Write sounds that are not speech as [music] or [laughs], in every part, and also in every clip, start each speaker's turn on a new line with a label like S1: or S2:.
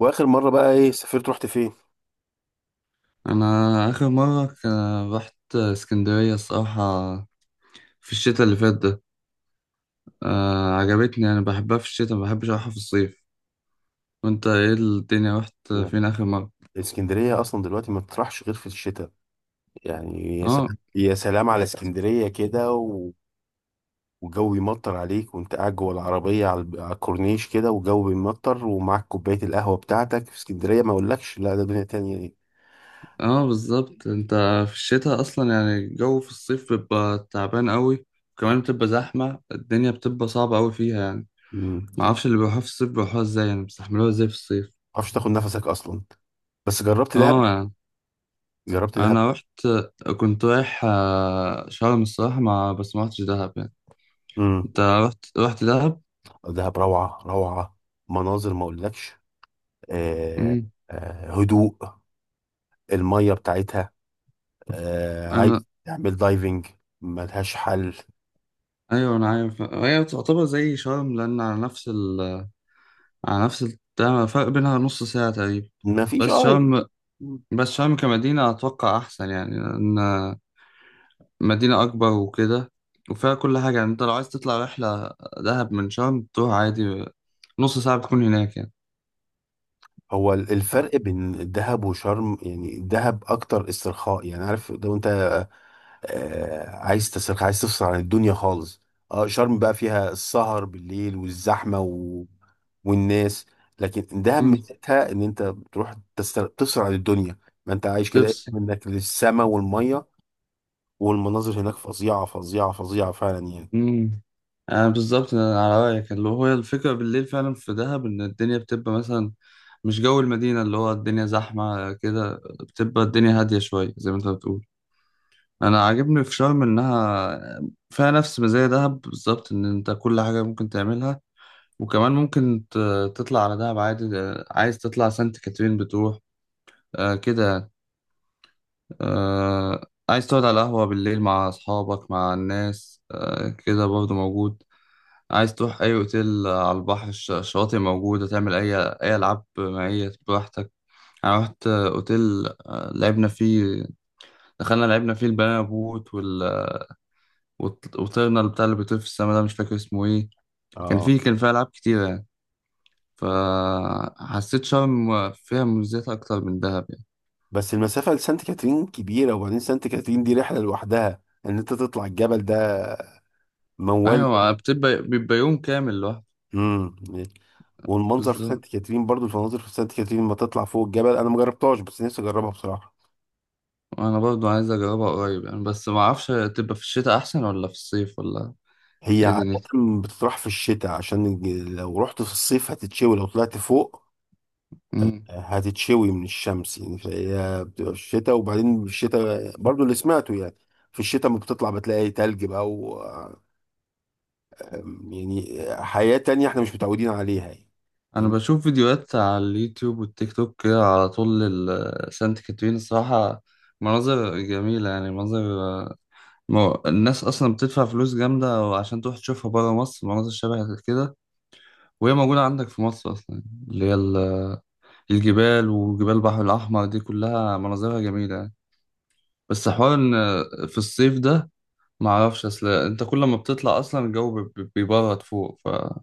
S1: واخر مره بقى ايه سافرت رحت فين؟
S2: انا اخر مره رحت اسكندريه الصراحه في الشتاء اللي فات ده. عجبتني، انا بحبها في الشتاء، ما بحبش اروحها في الصيف. وانت ايه الدنيا، رحت
S1: نعم.
S2: فين اخر مره؟
S1: اسكندريه اصلا دلوقتي ما بتروحش غير في الشتاء. يعني يا
S2: اه
S1: سلام يا سلام على اسكندريه كده وجو يمطر عليك وانت قاعد جوه العربيه على الكورنيش كده وجو بيمطر ومعاك كوبايه القهوه بتاعتك في اسكندريه، ما اقولكش، لا ده دنيا تانية دي.
S2: اه، بالظبط. انت في الشتاء اصلا يعني الجو في الصيف بيبقى تعبان قوي، وكمان بتبقى زحمه، الدنيا بتبقى صعبه قوي فيها يعني.
S1: ما
S2: ما اعرفش اللي بيروحوها في الصيف بيروحوها ازاي، يعني بيستحملوها ازاي في الصيف.
S1: تعرفش تاخد نفسك اصلا. بس جربت
S2: اه
S1: دهب،
S2: يعني.
S1: جربت دهب
S2: انا رحت، كنت رايح شرم الصراحه، ما بس ما رحتش دهب يعني.
S1: امم.
S2: انت رحت رحت دهب؟
S1: دهب روعه روعه، مناظر ما اقولكش. آه،
S2: امم
S1: آه هدوء، الميه بتاعتها، آه
S2: انا
S1: عايز تعمل دايفنج، ملهاش حل.
S2: ايوه، انا عارف، هي تعتبر زي شرم لان على نفس التمن، فرق بينها نص ساعة تقريبا.
S1: مفيش
S2: بس شرم بس شرم كمدينة اتوقع احسن يعني، لان مدينة اكبر وكده وفيها كل حاجة. يعني انت لو عايز تطلع رحلة دهب من شرم تروح عادي، نص ساعة بتكون هناك يعني.
S1: هو الفرق بين الدهب وشرم، يعني الدهب اكتر استرخاء، يعني عارف، لو انت آه عايز تسترخي، عايز تفصل عن الدنيا خالص. اه شرم بقى فيها السهر بالليل والزحمه والناس. لكن دهب ميزتها ان انت بتروح تفصل عن الدنيا، ما انت عايش
S2: امم
S1: كده منك للسما والميه، والمناظر هناك فظيعه فظيعه فظيعه فعلا يعني.
S2: امم بالظبط، أنا على رايك، اللي هو الفكره بالليل فعلا في دهب ان الدنيا بتبقى مثلا مش جو المدينه، اللي هو الدنيا زحمه كده، بتبقى الدنيا هاديه شويه زي ما انت بتقول. انا عاجبني في شرم انها فيها نفس مزايا دهب بالظبط، ان انت كل حاجه ممكن تعملها. وكمان ممكن تطلع على دهب عادي، عايز تطلع سانت كاترين بتروح، آه كده يعني. آه، عايز تقعد على قهوه بالليل مع اصحابك مع الناس، كده برضه موجود. عايز تروح أي أوتيل على البحر، الشواطئ موجودة، تعمل أي ألعاب مائية براحتك. أنا رحت أوتيل، لعبنا فيه، دخلنا لعبنا فيه البنانا بوت وطيرنا بتاع اللي بيطير في السما ده، مش فاكر اسمه إيه.
S1: اه
S2: كان فيه ألعاب كتيرة يعني. فحسيت شرم فيها مميزات أكتر من دهب يعني.
S1: بس المسافة لسانت كاترين كبيرة، وبعدين سانت كاترين دي رحلة لوحدها ان انت تطلع الجبل ده. موال.
S2: أيوة، بيبقى يوم كامل لوحده.
S1: امم. والمنظر في
S2: بالظبط،
S1: سانت كاترين، برضو المناظر في سانت كاترين لما تطلع فوق الجبل انا مجربتهاش، بس نفسي اجربها بصراحة.
S2: أنا برضو عايز أجربها قريب يعني، بس معرفش تبقى في الشتاء أحسن ولا في الصيف، ولا
S1: هي
S2: إيه
S1: عادة
S2: دنيتها؟
S1: بتطرح في الشتاء، عشان لو رحت في الصيف هتتشوي، لو طلعت فوق
S2: مم.
S1: هتتشوي من الشمس يعني، فهي بتبقى في الشتاء. وبعدين في الشتاء برضو اللي سمعته يعني، في الشتاء ما بتطلع بتلاقي تلج بقى، يعني حياة تانية احنا مش متعودين عليها يعني.
S2: انا
S1: فاهم؟
S2: بشوف فيديوهات على اليوتيوب والتيك توك كده على طول سانت كاترين الصراحة، مناظر جميلة يعني، مناظر. الناس أصلا بتدفع فلوس جامدة عشان تروح تشوفها برا مصر، مناظر شبه كده وهي موجودة عندك في مصر أصلا. اللي هي ال- الجبال وجبال البحر الأحمر دي كلها مناظرها جميلة يعني. بس حوار إن في الصيف ده معرفش، أصل أنت كل ما بتطلع أصلا الجو بيبرد فوق، فده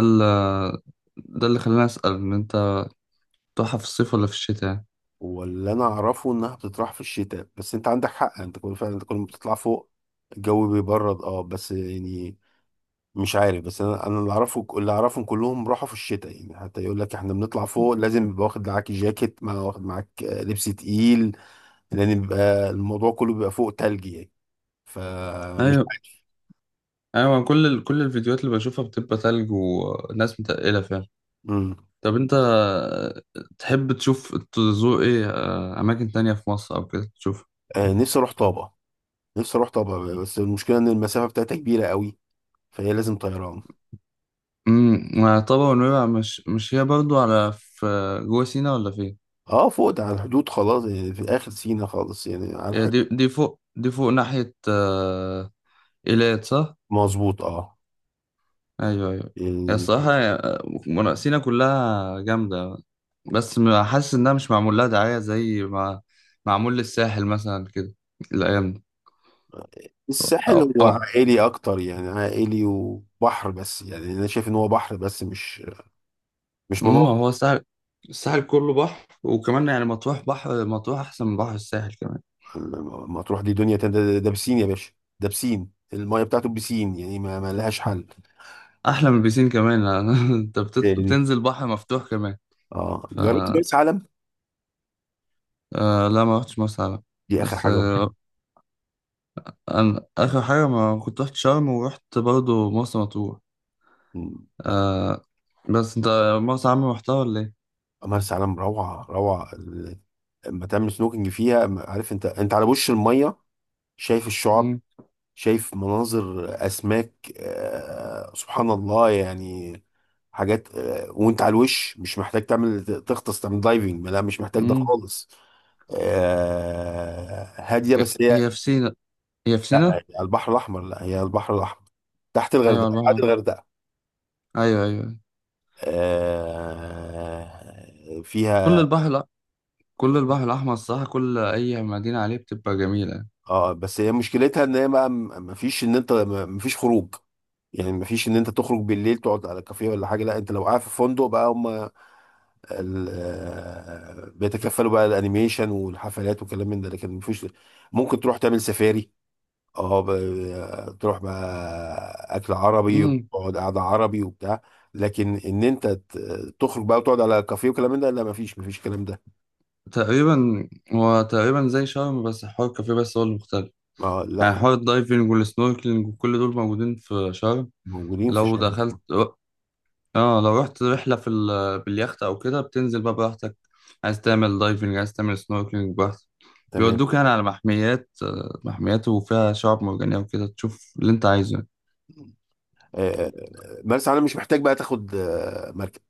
S2: ال- ده اللي خلاني أسأل إن أنت بتروحها في الصيف ولا في الشتاء يعني.
S1: واللي انا اعرفه انها بتطرح في الشتاء، بس انت عندك حق، انت كل فعلا انت كل ما بتطلع فوق الجو بيبرد، اه بس يعني مش عارف. بس انا اللي اعرفه، اللي اعرفهم كلهم راحوا في الشتاء يعني، حتى يقول لك احنا بنطلع فوق لازم يبقى واخد معاك جاكيت، واخد معاك لبس تقيل، لان بيبقى الموضوع كله بيبقى فوق تلج يعني. فمش
S2: ايوه
S1: عارف.
S2: ايوه، كل الفيديوهات اللي بشوفها بتبقى تلج وناس متقلة فعلا.
S1: امم.
S2: طب انت تحب تشوف تزور ايه، اماكن تانية في مصر او كده تشوف.
S1: نفسي اروح طابة. نفسي اروح طابة، بس المشكلة ان المسافة بتاعتها كبيرة قوي، فهي لازم طيران.
S2: وطبعا، ونويبع مش هي برضو على، في جوه سينا ولا فين؟
S1: اه فوق ده على الحدود خلاص يعني، في اخر سينا خالص يعني، على
S2: هي
S1: الحدود.
S2: دي دي فوق دي فوق ناحية إيلات، صح؟
S1: مظبوط اه.
S2: ايوه ايوه. هي
S1: يعني
S2: الصراحة سينا كلها جامدة. بس حاسس انها مش معمول لها دعاية زي ما معمول للساحل مثلا كده الايام دي.
S1: الساحل هو
S2: أو،
S1: عائلي اكتر يعني، عائلي وبحر بس، يعني انا شايف ان هو بحر بس، مش
S2: ما
S1: مناطق.
S2: هو الساحل، الساحل كله بحر وكمان يعني. مطروح بحر، مطروح احسن من بحر الساحل كمان،
S1: ما تروح، دي دنيا تانية، ده بسين يا باشا، ده بسين، المايه بتاعته بسين يعني، ما لهاش حل
S2: احلى من البيسين كمان [laughs] انت
S1: يعني.
S2: بتنزل بحر مفتوح كمان.
S1: اه
S2: ف
S1: جربت مرسى علم؟
S2: آه لا، ما رحتش مرسى علم.
S1: دي اخر
S2: بس
S1: حاجه أروحها.
S2: انا اخر حاجه ما كنت رحت شرم، ورحت برضه مرسى مطروح.
S1: مم، لا.
S2: آه بس انت مرسى علم رحتها ولا ايه؟
S1: مرسى علم روعه روعه، لما تعمل سنوكينج فيها، عارف انت، على وش الميه، شايف الشعاب،
S2: مم.
S1: شايف مناظر اسماك، سبحان الله يعني. حاجات، وانت على الوش مش محتاج تعمل تغطس، تعمل دايفنج، لا مش محتاج ده
S2: مم.
S1: خالص. هاديه
S2: هي
S1: بس هي.
S2: هي في سينا هي في
S1: لا، هي
S2: سينا.
S1: على البحر الاحمر. لا، هي على البحر الاحمر، تحت
S2: ايوه على
S1: الغردقه،
S2: البحر
S1: بعد
S2: الأحمر.
S1: الغردقه.
S2: ايوه ايوه، كل
S1: فيها.
S2: البحر، لا، كل البحر الاحمر الصراحه، كل اي مدينه عليه بتبقى جميله.
S1: اه بس هي مشكلتها ان هي ما فيش، ان انت ما فيش خروج يعني. ما فيش ان انت تخرج بالليل تقعد على كافيه ولا حاجه. لا، انت لو قاعد في فندق بقى، هم بيتكفلوا بقى، الانيميشن والحفلات وكلام من ده، لكن مفيش. ممكن تروح تعمل سفاري، اه، تروح بقى اكل عربي وتقعد قعده عربي وبتاع. لكن ان انت تخرج بقى وتقعد على كافيه وكلام من ده، لا مفيش، الكلام ده.
S2: تقريبا هو تقريبا زي شرم، بس حوار الكافيه بس هو اللي مختلف.
S1: اه، لا،
S2: يعني حوار الدايفنج والسنوركلينج وكل دول موجودين في شرم.
S1: موجودين في
S2: لو
S1: شرم.
S2: دخلت اه، لو رحت رحلة باليخت او كده، بتنزل بقى براحتك، عايز تعمل دايفنج عايز تعمل سنوركلينج براحتك.
S1: تمام.
S2: بيودوك يعني على محميات، محميات وفيها شعاب مرجانية وكده تشوف اللي انت عايزه يعني.
S1: آه، مرسى علم مش محتاج بقى تاخد مركب.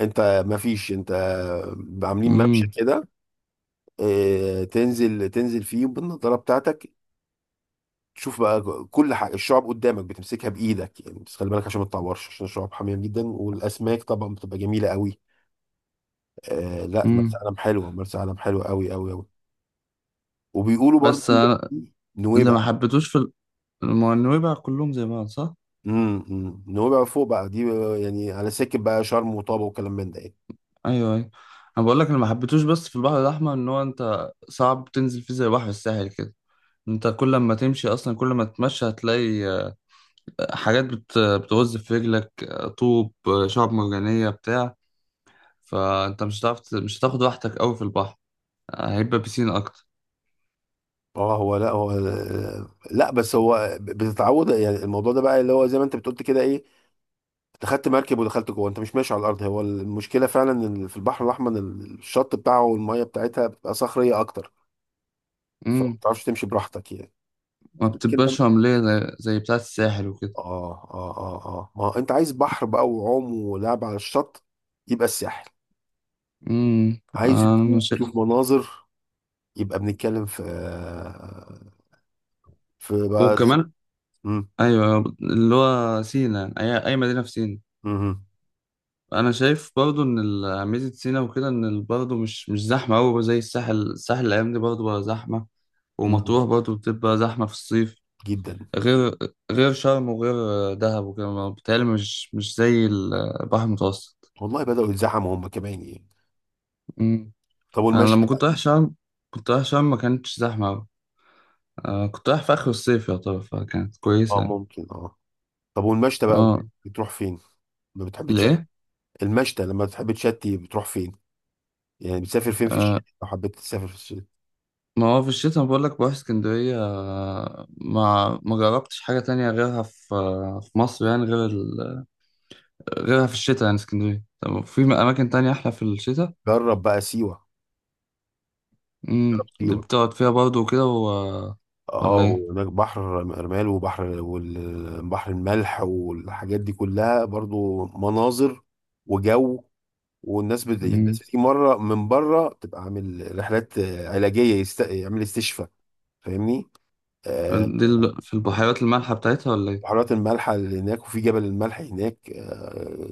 S1: انت مفيش، انت عاملين ممشى
S2: امم
S1: كده. تنزل فيه بالنضاره بتاعتك، تشوف بقى كل حاجه، الشعب قدامك بتمسكها بايدك يعني، بس خلي بالك عشان ما تطورش، عشان الشعب حاميه جدا، والاسماك طبعا بتبقى جميله قوي. آه لا، مرسى
S2: امم،
S1: علم حلوه، مرسى علم حلوه قوي قوي قوي. وبيقولوا برضو
S2: بس أنا اللي ما
S1: نويبع.
S2: حبيتوش ما هو النويبع كلهم زي بعض صح؟
S1: امم، نويبع فوق بقى دي، يعني على سكه بقى شرم وطابه وكلام من ده يعني.
S2: ايوه ايوه، انا بقول لك، انا ما حبيتوش بس في البحر الاحمر، ان هو انت صعب تنزل فيه زي بحر الساحل كده. انت كل ما تمشي اصلا، كل ما تتمشى هتلاقي حاجات بتغز في رجلك، طوب، شعب مرجانيه بتاع. فانت مش هتعرف مش هتاخد راحتك قوي في البحر، هيبقى بيسين اكتر.
S1: اه، هو لا، بس هو بتتعود يعني. الموضوع ده بقى اللي هو زي ما انت بتقول كده، ايه، انت خدت مركب ودخلت جوه، انت مش ماشي على الارض. هو المشكله فعلا ان في البحر الاحمر الشط بتاعه والميه بتاعتها بتبقى صخريه اكتر، فما
S2: امم
S1: بتعرفش تمشي براحتك يعني.
S2: ما
S1: لكن لما
S2: بتبقاش رمليه زي بتاعه الساحل وكده.
S1: اه ما هو انت عايز بحر بقى وعوم ولعب على الشط، يبقى الساحل.
S2: امم.
S1: عايز
S2: انا
S1: هدوء
S2: مش.
S1: تشوف مناظر، يبقى بنتكلم في [laughs] في بقى.
S2: وكمان،
S1: مم.
S2: ايوه، اللي هو سينا اي مدينه في سينا،
S1: مم.
S2: انا شايف برضو ان ميزة سينا وكده ان برضو مش زحمة قوي زي الساحل. الساحل الايام دي برضو بقى زحمة،
S1: مم.
S2: ومطروح برضو بتبقى زحمة في الصيف.
S1: جدا.
S2: غير غير شرم وغير دهب وكده، بيتهيألي مش زي البحر المتوسط.
S1: والله بدأوا يتزحموا هم كمان يعني.
S2: أمم.
S1: طب
S2: انا
S1: والمشي
S2: لما كنت
S1: بقى.
S2: رايح شرم، ما كانتش زحمة قوي، كنت رايح في اخر الصيف يعتبر، فكانت كويسة
S1: اه
S2: يعني.
S1: ممكن طب والمشي بقى
S2: اه،
S1: بتروح فين؟ ما بتحبش
S2: الايه؟
S1: المشتى؟ لما تحب تشتي بتروح فين؟ يعني بتسافر فين في الشتاء، لو حبيت تسافر في الشتاء؟
S2: ما هو في الشتاء بقول لك بروح اسكندرية، ما جربتش حاجة تانية غيرها في مصر، يعني غير ال... غيرها في الشتاء، يعني اسكندرية. طب في أماكن تانية أحلى في الشتاء؟
S1: جرب بقى سيوة. جرب
S2: دي
S1: سيوة.
S2: بتقعد فيها برضه وكده
S1: اه،
S2: ولا إيه؟
S1: وهناك بحر مرمال وبحر، والبحر الملح والحاجات دي كلها برضو مناظر وجو. والناس يعني الناس
S2: امم
S1: بتيجي مرة من بره تبقى عامل رحلات علاجية، يعمل استشفاء. فاهمني؟ آه،
S2: دي في البحيرات المالحة بتاعتها ولا إيه؟
S1: بحيرات الملح اللي هناك، وفي جبل الملح هناك،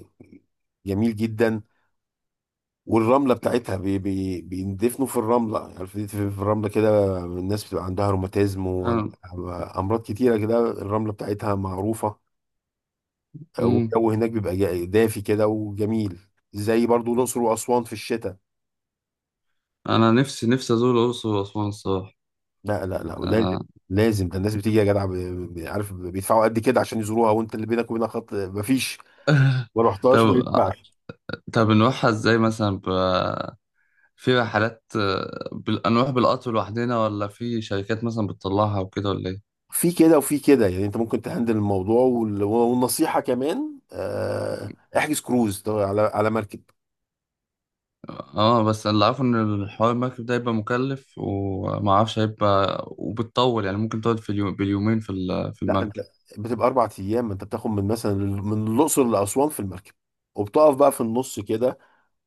S1: جميل جدا. والرمله بتاعتها بي بي بيندفنوا في الرمله، عارف، يدفن في الرمله كده، الناس بتبقى عندها روماتيزم
S2: أنا...
S1: وعندها امراض كتيره كده، الرمله بتاعتها معروفه.
S2: امم.
S1: والجو هناك بيبقى دافي كده وجميل، زي برضو الاقصر واسوان في الشتاء.
S2: أنا نفسي نفسي أزور الأقصر وأسوان الصراحة.
S1: لا لا لا لازم،
S2: آه.
S1: لازم. ده الناس بتيجي يا جدع، عارف بيدفعوا قد كده عشان يزوروها، وانت اللي بينك وبينها خط مفيش، ما رحتهاش، ما
S2: طب
S1: ينفعش.
S2: طب نروحها إزاي مثلا في رحلات، نروح بالقطر لوحدنا ولا في شركات مثلا بتطلعها وكده، ولا ايه؟
S1: في كده وفي كده يعني، انت ممكن تهندل الموضوع، والنصيحه كمان، احجز كروز ده، على مركب.
S2: اه بس اللي عارفه ان الحوار المركب ده هيبقى مكلف، ومعرفش هيبقى وبتطول، يعني ممكن تقعد في اليوم باليومين في
S1: لا، انت
S2: المركب.
S1: بتبقى 4 ايام، انت بتاخد من مثلا من الاقصر لاسوان في المركب، وبتقف بقى في النص كده،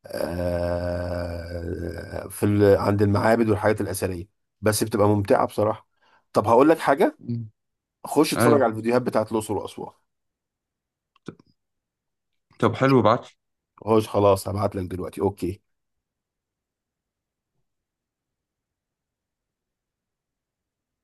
S1: في عند المعابد والحاجات الاثريه. بس بتبقى ممتعه بصراحه. طب هقول لك حاجه،
S2: مم.
S1: خش اتفرج
S2: ايوه.
S1: على الفيديوهات بتاعت الاقصر واسوان.
S2: طب حلو، ابعت.
S1: خش خلاص، هبعت لك دلوقتي، اوكي؟